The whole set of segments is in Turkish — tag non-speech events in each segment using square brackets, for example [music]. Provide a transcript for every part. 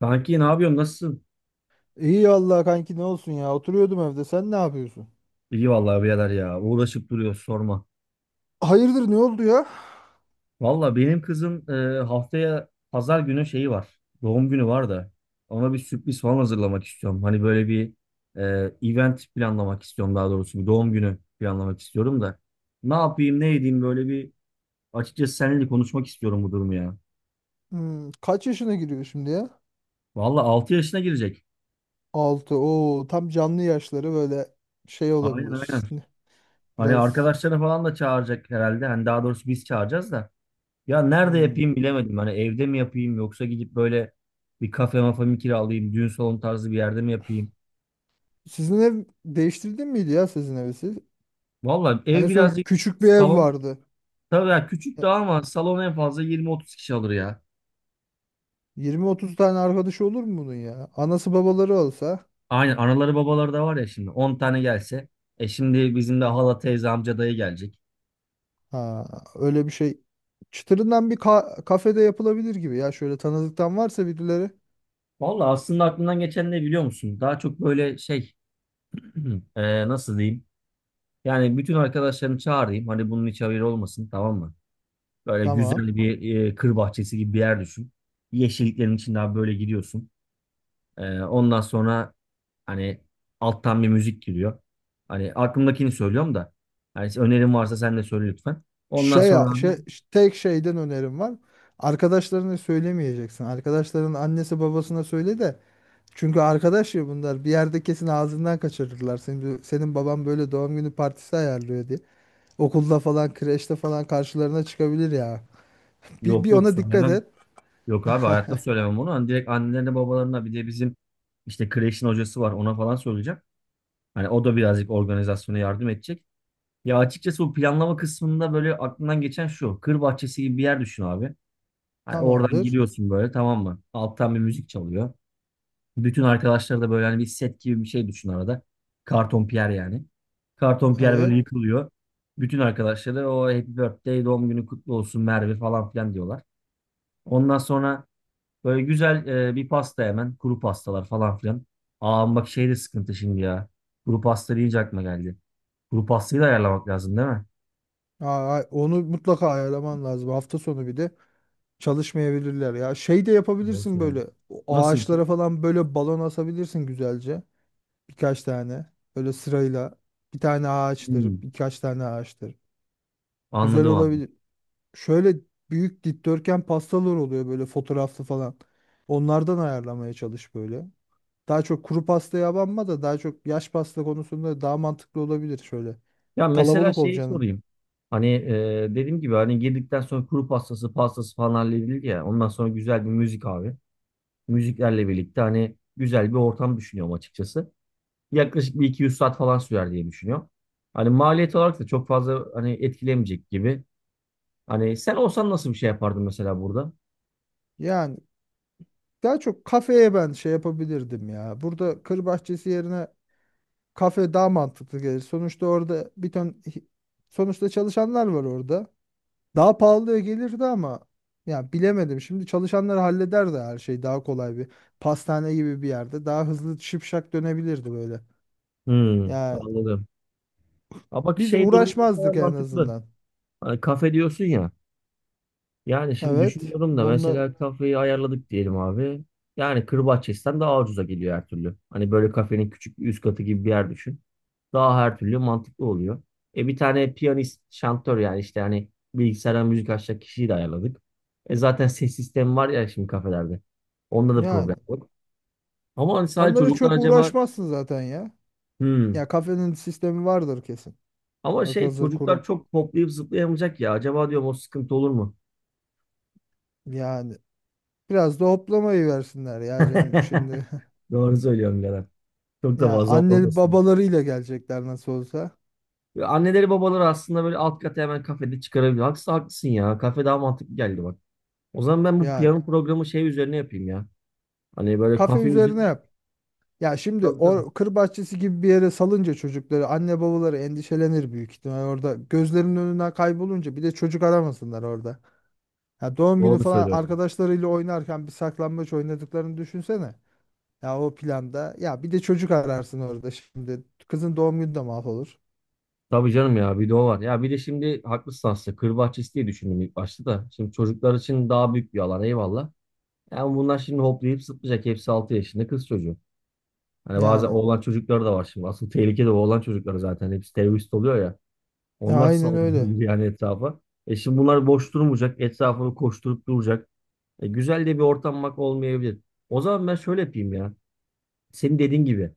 Kanki ne yapıyorsun? Nasılsın? İyi vallahi kanki ne olsun ya. Oturuyordum evde. Sen ne yapıyorsun? İyi vallahi birader ya. Uğraşıp duruyoruz. Sorma. Hayırdır ne oldu ya? Valla benim kızın haftaya pazar günü şeyi var. Doğum günü var da. Ona bir sürpriz falan hazırlamak istiyorum. Hani böyle bir e, event planlamak istiyorum daha doğrusu. Bir doğum günü planlamak istiyorum da. Ne yapayım ne edeyim böyle bir açıkçası seninle konuşmak istiyorum bu durumu ya. Hmm, kaç yaşına giriyor şimdi ya? Valla 6 yaşına girecek. Altı. Oo tam canlı yaşları böyle şey Aynen aynen. olabilir. Hani Biraz arkadaşları falan da çağıracak herhalde. Hani daha doğrusu biz çağıracağız da. Ya nerede hmm. yapayım bilemedim. Hani evde mi yapayım yoksa gidip böyle bir kafe mafa mı kiralayayım, düğün salonu tarzı bir yerde mi yapayım? Sizin ev değiştirdin miydi ya sizin evi siz? Vallahi ev En son birazcık küçük bir ev salon vardı. tabii ya küçük E, daha ama salon en fazla 20-30 kişi alır ya. 20-30 tane arkadaşı olur mu bunun ya? Anası babaları olsa Aynen anaları babaları da var ya şimdi 10 tane gelse. E şimdi bizim de hala teyze amca dayı gelecek. ha, öyle bir şey. Çıtırından bir kafede yapılabilir gibi ya. Şöyle tanıdıktan varsa birileri. Vallahi aslında aklımdan geçen ne biliyor musun? Daha çok böyle şey [clears throat] nasıl diyeyim? Yani bütün arkadaşlarımı çağırayım. Hani bunun hiç haberi olmasın tamam mı? Böyle Tamam. güzel bir kır bahçesi gibi bir yer düşün. Yeşilliklerin içinde abi böyle gidiyorsun. Ondan sonra hani alttan bir müzik giriyor. Hani aklımdakini söylüyorum da. Hani önerin varsa sen de söyle lütfen. Ondan Şey, sonra abi şey tek şeyden önerim var. Arkadaşlarına söylemeyeceksin. Arkadaşların annesi babasına söyle de. Çünkü arkadaş ya bunlar. Bir yerde kesin ağzından kaçırırlar. Senin baban böyle doğum günü partisi ayarlıyor diye. Okulda falan, kreşte falan karşılarına çıkabilir ya. Bir, yok bir yok ona dikkat söylemem. et. Yok abi hayatta söylemem onu. Hani direkt annelerine babalarına bir de bizim işte kreşin hocası var ona falan söyleyeceğim. Hani o da birazcık organizasyona yardım edecek. Ya açıkçası bu planlama kısmında böyle aklımdan geçen şu. Kır bahçesi gibi bir yer düşün abi. Hani oradan Tamamdır. giriyorsun böyle tamam mı? Alttan bir müzik çalıyor. Bütün arkadaşlar da böyle hani bir set gibi bir şey düşün arada. Karton Pierre yani. Karton Pierre böyle Evet. yıkılıyor. Bütün arkadaşları o Happy Birthday, doğum günü kutlu olsun Merve falan filan diyorlar. Ondan sonra böyle güzel bir pasta hemen. Kuru pastalar falan filan. Aa bak şey de sıkıntı şimdi ya. Kuru pasta deyince aklıma geldi. Kuru pastayı da ayarlamak lazım değil mi? Aa, onu mutlaka ayarlaman lazım. Hafta sonu bir de çalışmayabilirler ya. Şey de Doğru yapabilirsin söylüyorum. böyle. O Nasıl bir şey? ağaçlara falan böyle balon asabilirsin güzelce. Birkaç tane. Böyle sırayla bir tane ağaçtır, Hmm, birkaç tane ağaçtır. Güzel anladım abi. olabilir. Şöyle büyük dikdörtgen pastalar oluyor böyle fotoğraflı falan. Onlardan ayarlamaya çalış böyle. Daha çok kuru pastaya abanma da daha çok yaş pasta konusunda daha mantıklı olabilir şöyle. Ya mesela Kalabalık şeyi olacağını. sorayım. Hani dediğim gibi hani girdikten sonra kuru pastası falan halledildi ya. Ondan sonra güzel bir müzik abi. Müziklerle birlikte hani güzel bir ortam düşünüyorum açıkçası. Yaklaşık bir 200 saat falan sürer diye düşünüyorum. Hani maliyet olarak da çok fazla hani etkilemeyecek gibi. Hani sen olsan nasıl bir şey yapardın mesela burada? Yani daha çok kafeye ben şey yapabilirdim ya. Burada kır bahçesi yerine kafe daha mantıklı gelir. Sonuçta orada bir ton sonuçta çalışanlar var orada. Daha pahalıya gelirdi ama ya bilemedim. Şimdi çalışanları hallederdi her şey daha kolay bir pastane gibi bir yerde. Daha hızlı şipşak dönebilirdi böyle. Hmm, Ya anladım. Ama bak biz şey durumu mesela uğraşmazdık en mantıklı. azından. Hani kafe diyorsun ya. Yani şimdi Evet. düşünüyorum da Onunla mesela kafeyi ayarladık diyelim abi. Yani Kırbaçyes'ten daha ucuza geliyor her türlü. Hani böyle kafenin küçük bir üst katı gibi bir yer düşün. Daha her türlü mantıklı oluyor. E bir tane piyanist, şantör yani işte hani bilgisayardan müzik açacak kişiyi de ayarladık. E zaten ses sistemi var ya şimdi kafelerde. Onda da problem yani yok. Ama hani sadece onlara çocuklar çok acaba uğraşmazsın zaten ya. hmm. Ya kafenin sistemi vardır kesin. Ama şey Hazır çocuklar kurum. çok hoplayıp zıplayamayacak ya. Acaba diyorum o sıkıntı olur mu? Yani biraz da hoplamayı versinler ya canım şimdi. [laughs] [laughs] Doğru söylüyorsun Gelen. Çok da Ya fazla anneli olmasın. babalarıyla gelecekler nasıl olsa. Ya anneleri babaları aslında böyle alt kata hemen kafede çıkarabilir. Haksız haklısın ya. Kafe daha mantıklı geldi bak. O zaman ben bu Yani piyano programı şey üzerine yapayım ya. Hani böyle kafe kafe üzerine üzerine. yap. Ya şimdi Tabii tabii. o kır bahçesi gibi bir yere salınca çocukları anne babaları endişelenir büyük ihtimal orada. Gözlerinin önünden kaybolunca bir de çocuk aramasınlar orada. Ya doğum günü Doğru falan söylüyorum. arkadaşlarıyla oynarken bir saklambaç oynadıklarını düşünsene. Ya o planda ya bir de çocuk ararsın orada şimdi. Kızın doğum günü de mahvolur. Tabii canım ya bir de o var. Ya bir de şimdi haklısın aslında. Kır bahçesi diye düşündüm ilk başta da. Şimdi çocuklar için daha büyük bir alan eyvallah. Yani bunlar şimdi hoplayıp zıplayacak. Hepsi 6 yaşında kız çocuğu. Hani bazen Yani oğlan çocukları da var şimdi. Asıl tehlike de oğlan çocukları zaten. Hepsi terörist oluyor ya. ya Onlar aynen öyle. saldırır yani etrafa. E şimdi bunlar boş durmayacak. Etrafını koşturup duracak. E güzel de bir ortam bak olmayabilir. O zaman ben şöyle yapayım ya. Senin dediğin gibi.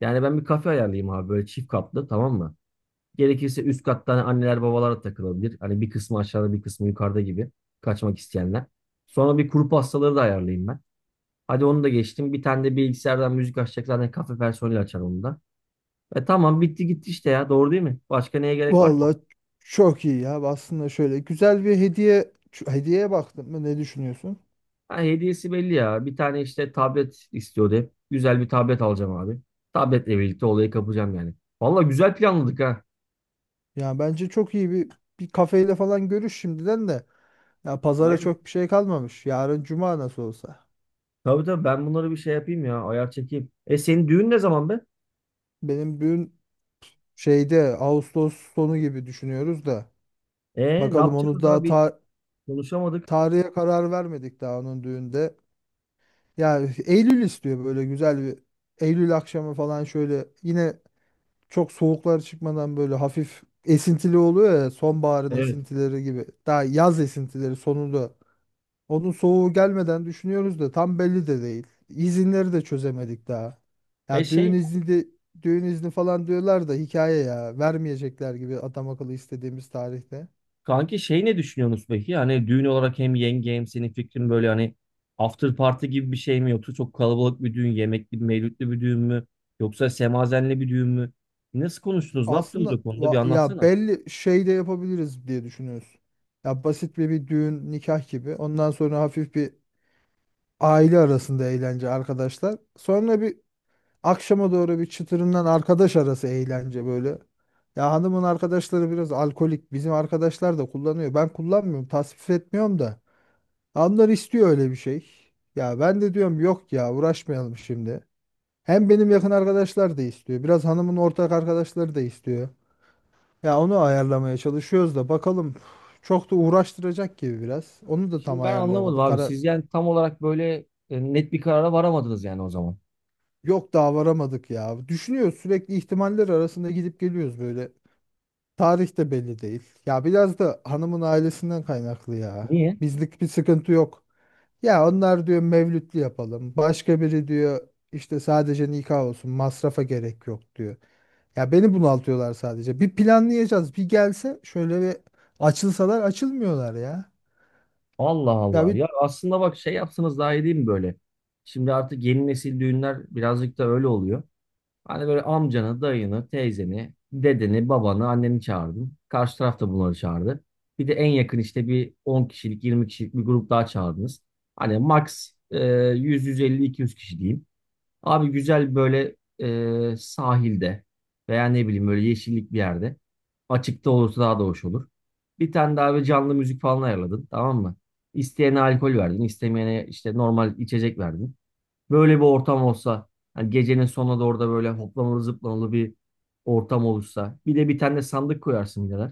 Yani ben bir kafe ayarlayayım abi böyle çift katlı tamam mı? Gerekirse üst katta hani anneler babalar da takılabilir. Hani bir kısmı aşağıda bir kısmı yukarıda gibi kaçmak isteyenler. Sonra bir kuru pastaları da ayarlayayım ben. Hadi onu da geçtim. Bir tane de bilgisayardan müzik açacak zaten kafe personeli açar onu da. E tamam bitti gitti işte ya doğru değil mi? Başka neye gerek var ki? Vallahi çok iyi ya aslında şöyle güzel bir hediye hediyeye baktın mı ne düşünüyorsun? Ha, hediyesi belli ya. Bir tane işte tablet istiyordu hep. Güzel bir tablet alacağım abi. Tabletle birlikte olayı kapacağım yani. Valla güzel planladık ha. Ya bence çok iyi bir kafeyle falan görüş şimdiden de. Ya pazara Aynen. çok bir şey kalmamış. Yarın cuma nasıl olsa. Tabii tabii ben bunları bir şey yapayım ya. Ayar çekeyim. E senin düğün ne zaman be? Benim düğün şeyde Ağustos sonu gibi düşünüyoruz da. E ne Bakalım onu yapacağız daha abi? Konuşamadık. tarihe karar vermedik daha onun düğünde. Ya Eylül istiyor böyle güzel bir Eylül akşamı falan şöyle yine çok soğuklar çıkmadan böyle hafif esintili oluyor ya sonbaharın Evet. esintileri gibi. Daha yaz esintileri sonunda. Onun soğuğu gelmeden düşünüyoruz da tam belli de değil. İzinleri de çözemedik daha. E Ya düğün şey izni de düğün izni falan diyorlar da hikaye ya. Vermeyecekler gibi adam akıllı istediğimiz tarihte. kanki şey ne düşünüyorsunuz peki? Hani düğün olarak hem yenge hem senin fikrin böyle hani after party gibi bir şey mi yoksa çok kalabalık bir düğün, yemekli, mevlütlü bir düğün mü? Yoksa semazenli bir düğün mü? Nasıl konuştunuz? Ne yaptınız Aslında o konuda? Bir ya anlatsana. belli şey de yapabiliriz diye düşünüyoruz. Ya basit bir düğün nikah gibi. Ondan sonra hafif bir aile arasında eğlence arkadaşlar. Sonra bir akşama doğru bir çıtırından arkadaş arası eğlence böyle. Ya hanımın arkadaşları biraz alkolik. Bizim arkadaşlar da kullanıyor. Ben kullanmıyorum, tasvip etmiyorum da. Onlar istiyor öyle bir şey. Ya ben de diyorum yok ya uğraşmayalım şimdi. Hem benim yakın arkadaşlar da istiyor. Biraz hanımın ortak arkadaşları da istiyor. Ya onu ayarlamaya çalışıyoruz da bakalım. Çok da uğraştıracak gibi biraz. Onu da tam Şimdi ben anlamadım ayarlayamadık. abi. Kara Siz yani tam olarak böyle net bir karara varamadınız yani o zaman. yok daha varamadık ya. Düşünüyoruz sürekli ihtimaller arasında gidip geliyoruz böyle. Tarih de belli değil. Ya biraz da hanımın ailesinden kaynaklı ya. Niye? Bizlik bir sıkıntı yok. Ya onlar diyor mevlütlü yapalım. Başka biri diyor işte sadece nikah olsun. Masrafa gerek yok diyor. Ya beni bunaltıyorlar sadece. Bir planlayacağız. Bir gelse şöyle bir açılsalar açılmıyorlar ya. Allah Ya Allah. bir Ya aslında bak şey yapsanız daha iyi değil mi böyle? Şimdi artık yeni nesil düğünler birazcık da öyle oluyor. Hani böyle amcanı, dayını, teyzeni, dedeni, babanı, anneni çağırdın. Karşı taraf da bunları çağırdı. Bir de en yakın işte bir 10 kişilik, 20 kişilik bir grup daha çağırdınız. Hani max 100, 150, 200 kişi diyeyim. Abi güzel böyle sahilde veya ne bileyim böyle yeşillik bir yerde. Açıkta olursa daha da hoş olur. Bir tane daha bir canlı müzik falan ayarladın tamam mı? İsteyene alkol verdin, istemeyene işte normal içecek verdin. Böyle bir ortam olsa, hani gecenin sonuna doğru da böyle hoplamalı zıplamalı bir ortam olursa. Bir de bir tane de sandık koyarsın birader.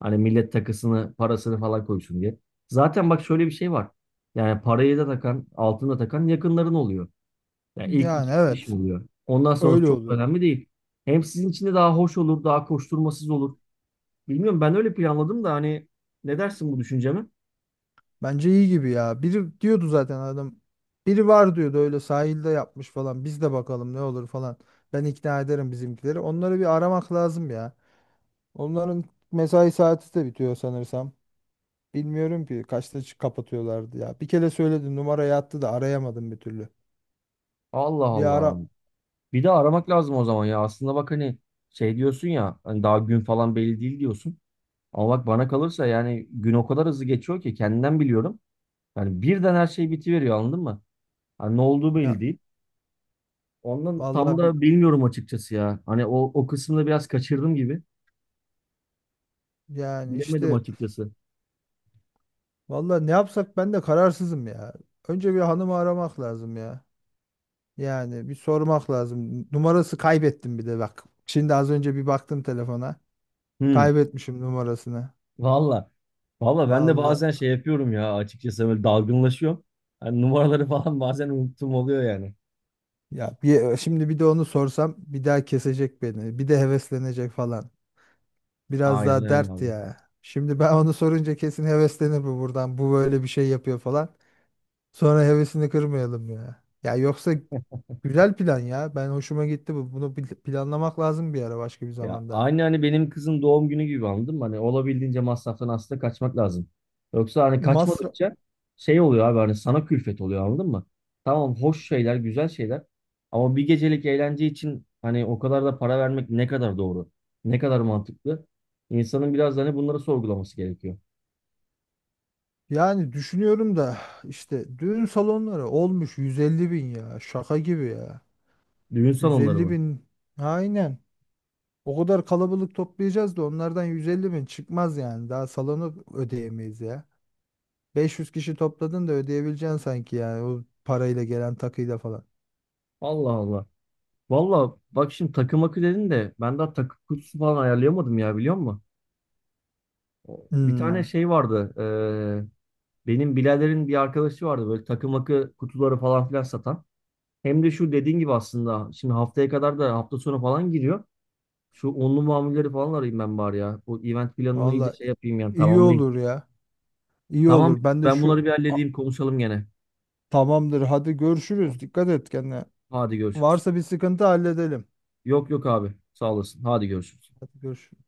Hani millet takısını, parasını falan koysun diye. Zaten bak şöyle bir şey var. Yani parayı da takan, altını da takan yakınların oluyor. Yani ilk yani iki üç kişi evet oluyor. Ondan sonrası öyle çok oluyor. önemli değil. Hem sizin için de daha hoş olur, daha koşturmasız olur. Bilmiyorum ben öyle planladım da hani ne dersin bu düşünceme? Bence iyi gibi ya. Biri diyordu zaten adam. Biri var diyordu öyle sahilde yapmış falan. Biz de bakalım ne olur falan. Ben ikna ederim bizimkileri. Onları bir aramak lazım ya. Onların mesai saati de bitiyor sanırsam. Bilmiyorum ki kaçta kapatıyorlardı ya. Bir kere söyledim numarayı attı da arayamadım bir türlü. Allah Bir Allah. ara Bir de aramak lazım o zaman ya. Aslında bak hani şey diyorsun ya hani daha gün falan belli değil diyorsun. Ama bak bana kalırsa yani gün o kadar hızlı geçiyor ki kendimden biliyorum. Yani birden her şey bitiveriyor anladın mı? Hani ne olduğu belli ya değil. Ondan tam vallahi bir da bilmiyorum açıkçası ya. Hani o kısımda biraz kaçırdım gibi. yani Bilemedim işte açıkçası. vallahi ne yapsak ben de kararsızım ya. Önce bir hanımı aramak lazım ya. Yani bir sormak lazım. Numarası kaybettim bir de bak. Şimdi az önce bir baktım telefona. Hı, Kaybetmişim numarasını. valla. Valla ben de Allah. bazen şey yapıyorum ya açıkçası böyle dalgınlaşıyorum. Hani numaraları [laughs] falan bazen unuttum oluyor yani. Ya bir, şimdi bir de onu sorsam bir daha kesecek beni. Bir de heveslenecek falan. Biraz Aynen daha öyle dert abi. ya. Şimdi ben onu sorunca kesin heveslenir bu buradan. Bu böyle bir şey yapıyor falan. Sonra hevesini kırmayalım ya. Ya yoksa güzel plan ya. Ben hoşuma gitti bu. Bunu planlamak lazım bir ara başka bir Ya zamanda. aynı hani benim kızın doğum günü gibi anladım. Hani olabildiğince masraftan aslında kaçmak lazım. Yoksa hani Masraf kaçmadıkça şey oluyor abi hani sana külfet oluyor anladın mı? Tamam hoş şeyler, güzel şeyler. Ama bir gecelik eğlence için hani o kadar da para vermek ne kadar doğru? Ne kadar mantıklı? İnsanın biraz da hani bunları sorgulaması gerekiyor. yani düşünüyorum da işte düğün salonları olmuş 150 bin ya. Şaka gibi ya. Düğün salonları 150 mı? bin. Aynen. O kadar kalabalık toplayacağız da onlardan 150 bin çıkmaz yani. Daha salonu ödeyemeyiz ya. 500 kişi topladın da ödeyebileceksin sanki yani. O parayla gelen takıyla falan. Allah Allah. Valla bak şimdi takım akı dedin de ben daha takım kutusu falan ayarlayamadım ya biliyor musun? Bir tane Hmm, şey vardı. Benim biraderin bir arkadaşı vardı böyle takım akı kutuları falan filan satan. Hem de şu dediğin gibi aslında şimdi haftaya kadar da hafta sonu falan giriyor. Şu onlu mamulleri falan arayayım ben bari ya. Bu event planını iyice valla şey yapayım yani iyi tamamlayayım. olur ya. İyi Tamam olur. Ben de ben şu bunları bir A- halledeyim konuşalım gene. tamamdır. Hadi görüşürüz. Tamam. Dikkat et kendine. Hadi görüşürüz. Varsa bir sıkıntı halledelim. Yok yok abi sağ olasın. Hadi görüşürüz. Hadi görüşürüz.